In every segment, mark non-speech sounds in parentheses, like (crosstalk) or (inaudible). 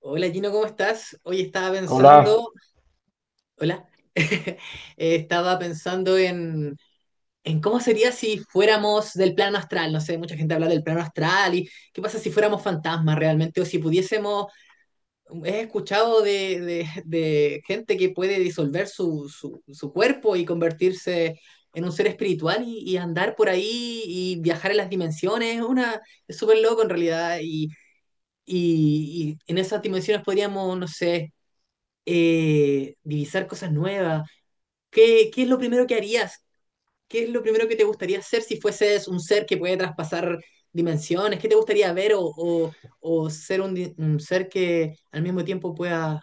Hola Gino, ¿cómo estás? Hoy estaba Hola, pensando, hola, (laughs) Eh, estaba en cómo sería si fuéramos del plano astral. No sé, mucha gente habla del plano astral y qué pasa si fuéramos fantasmas realmente o si pudiésemos, he escuchado de gente que puede disolver su cuerpo y convertirse en un ser espiritual y andar por ahí y viajar en las dimensiones. Una, es súper loco en realidad y, y en esas dimensiones podríamos, no sé divisar cosas nuevas. Qué es lo primero que harías? ¿Qué es lo primero que te gustaría hacer si fueses un ser que puede traspasar dimensiones? ¿Qué te gustaría ver o ser un, un ser que al mismo tiempo pueda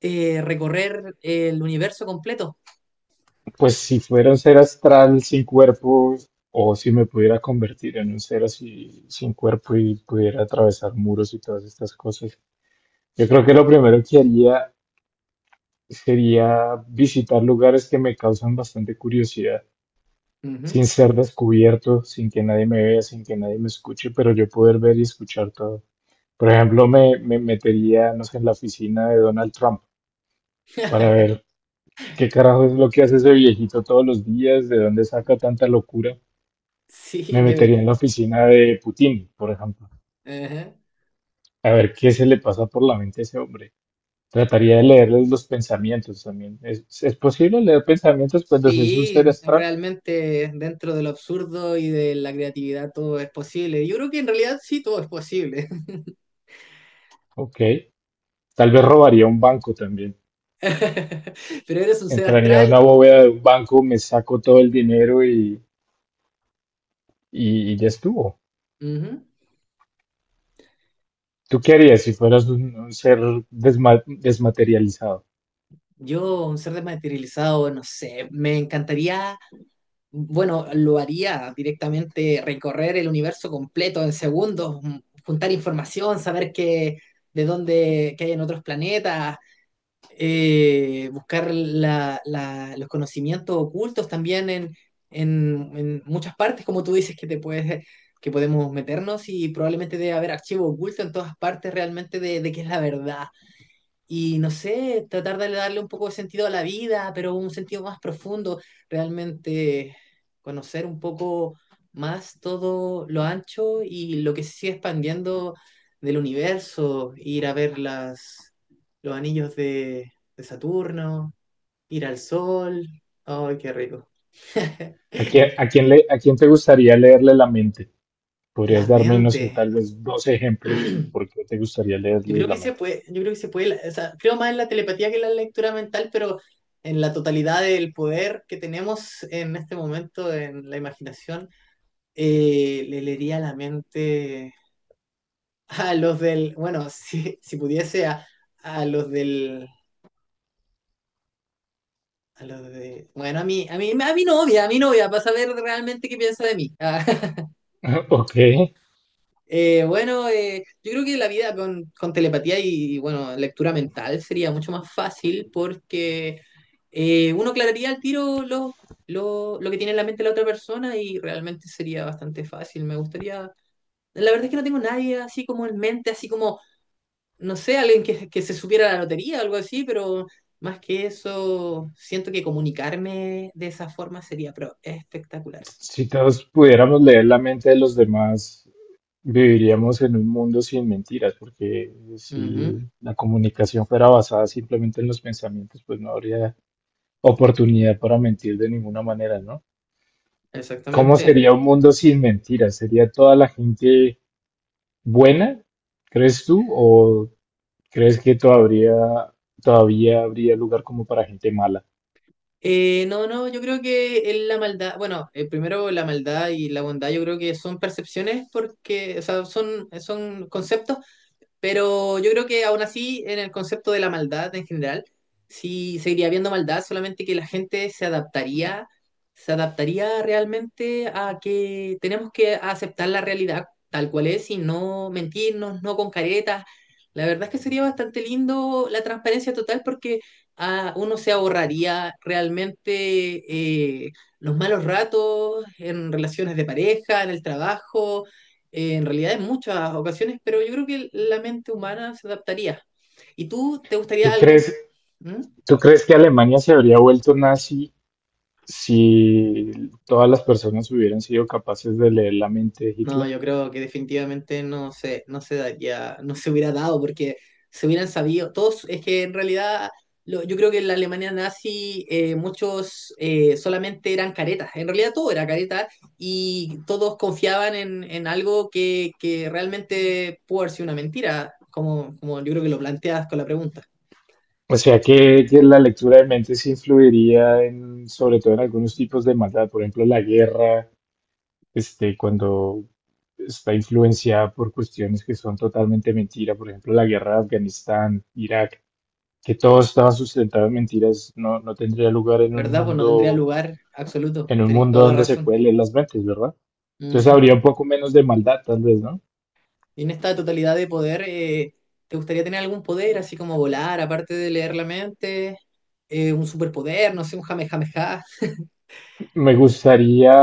recorrer el universo completo? pues si fuera un ser astral sin cuerpo, o si me pudiera convertir en un ser así sin cuerpo y pudiera atravesar muros y todas estas cosas, yo creo que lo primero que haría sería visitar lugares que me causan bastante curiosidad, Ujú. sin (laughs) ser descubierto, sin que nadie me vea, sin que nadie me escuche, pero yo poder ver y escuchar todo. Por ejemplo, me metería, no sé, en la oficina de Donald Trump para ver ¿qué carajo es lo que hace ese viejito todos los días? ¿De dónde saca tanta locura? Sí, Me metería debe. en la oficina de Putin, por ejemplo. Ajá. A ver qué se le pasa por la mente a ese hombre. Trataría de leerles los pensamientos también. ¿Es posible leer pensamientos cuando se es un Sí, ser astral? realmente dentro de lo absurdo y de la creatividad todo es posible. Yo creo que en realidad sí todo es posible. Ok. Tal vez robaría un banco también. (laughs) Pero eres un ser Entraría a astral. una bóveda de un banco, me saco todo el dinero y, y ya estuvo. Ujú. ¿Tú qué harías si fueras un ser desmaterializado? Yo, un ser desmaterializado, no sé, me encantaría, bueno, lo haría directamente, recorrer el universo completo en segundos, juntar información, saber qué, de dónde, qué hay en otros planetas, buscar los conocimientos ocultos también en, en muchas partes, como tú dices, que te puedes, que podemos meternos y probablemente debe haber archivo oculto en todas partes realmente de qué es la verdad y no sé, tratar de darle un poco de sentido a la vida, pero un sentido más profundo, realmente conocer un poco más todo lo ancho y lo que se sigue expandiendo del universo, ir a ver las, los anillos de Saturno, ir al sol, ¡ay, qué rico! A quién le, a quién te gustaría leerle la mente? La ¿Podrías darme, no mente. sé, tal vez dos ejemplos y por (clears throat) qué te gustaría Yo leerles creo que la se mente? puede, yo creo que se puede, o sea, creo más en la telepatía que en la lectura mental, pero en la totalidad del poder que tenemos en este momento, en la imaginación, le leería la mente a los del, bueno, (laughs) si pudiese a los del, a los de, bueno, a mi novia, para saber realmente qué piensa de mí. (laughs) (laughs) Ok, Bueno, yo creo que la vida con telepatía y, bueno, lectura mental sería mucho más fácil porque uno aclararía al tiro lo, lo que tiene en la mente la otra persona y realmente sería bastante fácil. Me gustaría... La verdad es que no tengo nadie así como en mente, así como, no sé, alguien que se supiera la lotería o algo así, pero más que eso, siento que comunicarme de esa forma sería espectacular. si todos pudiéramos leer la mente de los demás, viviríamos en un mundo sin mentiras, porque si Ujú, la comunicación fuera basada simplemente en los pensamientos, pues no habría oportunidad para mentir de ninguna manera, ¿no? ¿Cómo exactamente. sería un mundo sin mentiras? ¿Sería toda la gente buena, crees tú, o crees que todavía, todavía habría lugar como para gente mala? No, yo creo que es la maldad, bueno, primero la maldad y la bondad, yo creo que son percepciones porque, o sea, son conceptos pero yo creo que aún así, en el concepto de la maldad en general, sí seguiría habiendo maldad, solamente que la gente se adaptaría realmente a que tenemos que aceptar la realidad tal cual es y no mentirnos, no con caretas. La verdad es que sería bastante lindo la transparencia total porque ah, uno se ahorraría realmente los malos ratos en relaciones de pareja, en el trabajo en realidad en muchas ocasiones, pero yo creo que la mente humana se adaptaría. ¿Y tú te gustaría ¿Tú algún... crees ¿Mm? ¿Tú crees que Alemania se habría vuelto nazi si todas las personas hubieran sido capaces de leer la mente de No, Hitler? yo creo que definitivamente no se daría, no se hubiera dado porque se hubieran sabido, todos, es que en realidad yo creo que en la Alemania nazi muchos solamente eran caretas, en realidad todo era careta y todos confiaban en algo que realmente pudo haber sido una mentira, como, como yo creo que lo planteas con la pregunta. O sea que la lectura de mentes influiría en, sobre todo en algunos tipos de maldad, por ejemplo, la guerra, este, cuando está influenciada por cuestiones que son totalmente mentira, por ejemplo, la guerra de Afganistán, Irak, que todo estaba sustentado en mentiras, no, no tendría lugar en un ¿Verdad? Pues no tendría mundo lugar absoluto. Tenéis toda la donde se razón. puede leer las mentes, ¿verdad? Entonces Ujú. habría un poco menos de maldad, tal vez, ¿no? Y en esta totalidad de poder, ¿te gustaría tener algún poder, así como volar, aparte de leer la mente? Un superpoder, no sé, un jamejameja. Me gustaría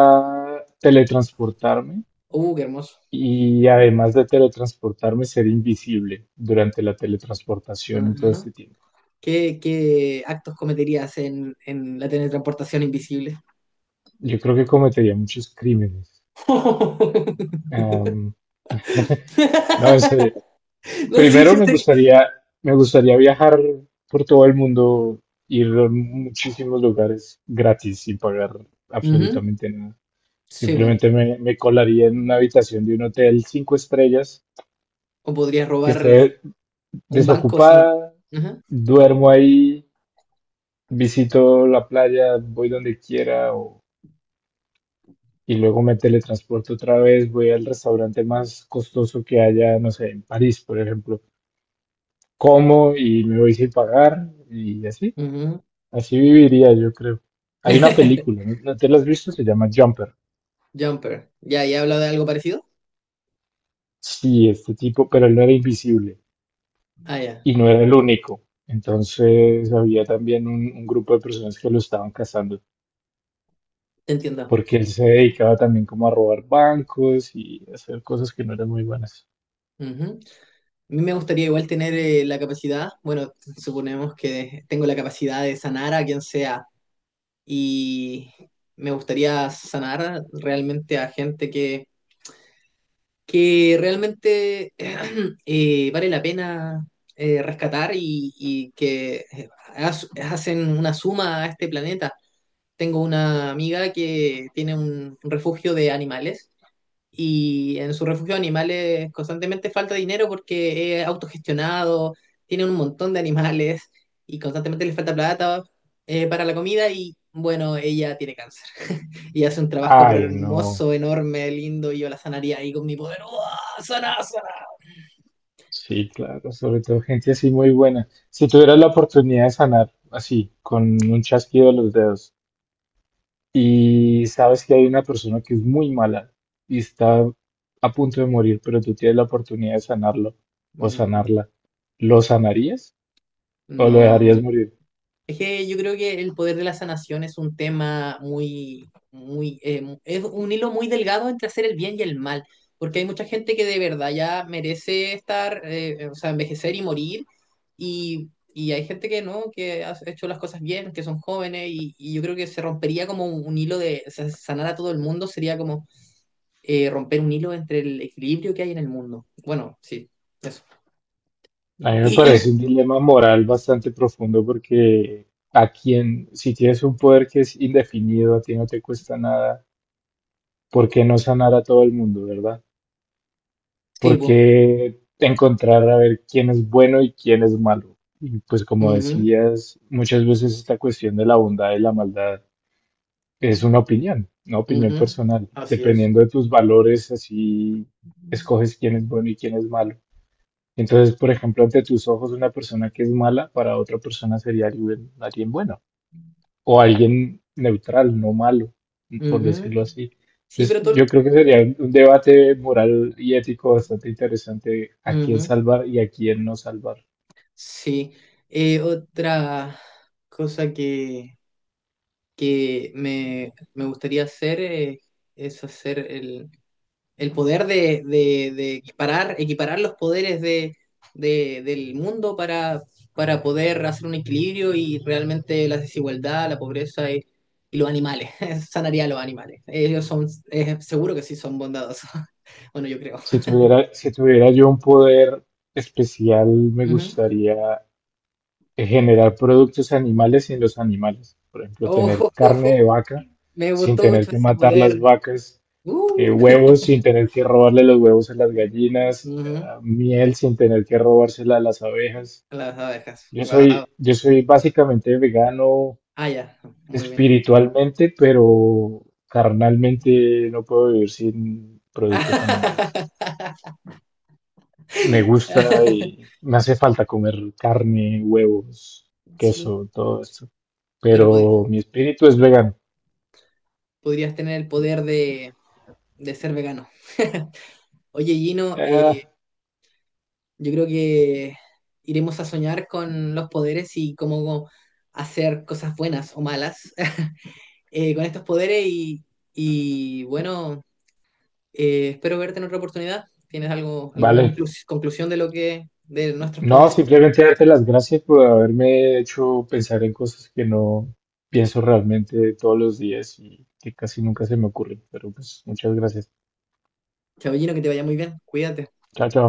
teletransportarme Qué hermoso. y además de teletransportarme, ser invisible durante la teletransportación y todo Ujú. este tiempo. Qué actos cometerías en la teletransportación invisible? Yo creo que cometería muchos crímenes. (laughs) Am, (laughs) no, en serio. No, sí, Primero yo me sé. gustaría, me gustaría viajar por todo el mundo, ir a muchísimos lugares gratis sin pagar Ujú. absolutamente nada. Sí, po. Simplemente me colaría en una habitación de un hotel cinco estrellas O podrías que robar esté un banco sin. desocupada, Ujú. duermo ahí, visito la playa, voy donde quiera y luego me teletransporto otra vez, voy al restaurante más costoso que haya, no sé, en París, por ejemplo, como y me voy sin pagar y así, Ujú. así viviría yo creo. Hay una (laughs) película, ¿no te la has visto? Se llama Jumper. Jumper. Ya, ya he hablado de algo parecido. Sí, este tipo, pero él no era invisible. Ah, ya, Y no era el único. Entonces había también un grupo de personas que lo estaban cazando, te entiendo. porque él se dedicaba también como a robar bancos y a hacer cosas que no eran muy buenas. Ujú. A mí me gustaría igual tener la capacidad, bueno, suponemos que tengo la capacidad de sanar a quien sea y me gustaría sanar realmente a gente que realmente (clears throat) vale la pena rescatar y que hacen una suma a este planeta. Tengo una amiga que tiene un refugio de animales y en su refugio de animales constantemente falta dinero porque es autogestionado, tiene un montón de animales y constantemente le falta plata para la comida y bueno, ella tiene cáncer (laughs) y hace un trabajo pero Ay, no. hermoso, enorme, lindo y yo la sanaría ahí con mi poder. ¡Uah! ¡Sana, sana! Sí, claro, sobre todo gente así muy buena. Si tuvieras la oportunidad de sanar así, con un chasquido de los dedos, y sabes que hay una persona que es muy mala y está a punto de morir, pero tú tienes la oportunidad de sanarlo o Mm, sanarla, ¿lo sanarías o lo dejarías no. morir? Es que yo creo que el poder de la sanación es un tema muy, muy, es un hilo muy delgado entre hacer el bien y el mal, porque hay mucha gente que de verdad ya merece estar, o sea, envejecer y morir, y hay gente que no, que ha hecho las cosas bien, que son jóvenes, y yo creo que se rompería como un hilo de, o sea, sanar a todo el mundo sería como romper un hilo entre el equilibrio que hay en el mundo. Bueno, sí, eso. A mí me Y, (clears throat) parece un dilema moral bastante profundo porque a quien, si tienes un poder que es indefinido, a ti no te cuesta nada, ¿por qué no sanar a todo el mundo, verdad? sí, ¿Por pues. qué encontrar a ver quién es bueno y quién es malo? Y pues como Ujú, decías, muchas veces esta cuestión de la bondad y la maldad es una opinión ujú, personal. así es. Dependiendo de tus valores, así escoges quién es bueno y quién es malo. Entonces, por ejemplo, ante tus ojos una persona que es mala para otra persona sería alguien, alguien bueno o alguien neutral, no malo, por Ujú. decirlo así. Sí, Entonces, pero todo... yo creo que sería un debate moral y ético bastante interesante a quién Ujú, salvar y a quién no salvar. sí. Otra cosa que me gustaría hacer es hacer el poder de, de equiparar, equiparar los poderes de, del mundo para poder hacer un equilibrio y realmente la desigualdad, la pobreza y los animales. (laughs) Sanaría a los animales. Ellos son, seguro que sí son bondadosos. (laughs) Bueno, yo creo. Si tuviera yo un poder especial, me Ujú. gustaría generar productos animales sin los animales. Por ejemplo, tener Oh, carne de vaca (laughs) me sin gustó tener mucho que ese matar las poder. vacas Uh, huevos sin tener que robarle los huevos a las gallinas, ujú, ah, miel sin tener que robársela a las abejas. las abejas. Wow. Yo soy básicamente vegano Ah, ya. Muy bien. espiritualmente, pero carnalmente no puedo vivir sin productos animales. (laughs) Me gusta y me hace falta comer carne, huevos, Sí, queso, todo esto. pero Pero mi espíritu es vegano. podrías tener el poder de ser vegano. (laughs) Oye, Gino, Ah, yo creo que iremos a soñar con los poderes y cómo hacer cosas buenas o malas (laughs) con estos poderes y bueno, espero verte en otra oportunidad. ¿Tienes algo, alguna vale. Conclusión de lo que, de nuestros No, poderes? simplemente darte las gracias por haberme hecho pensar en cosas que no pienso realmente todos los días y que casi nunca se me ocurren. Pero pues muchas gracias. Chabellino, que te vaya muy bien. Cuídate. Chao, chao.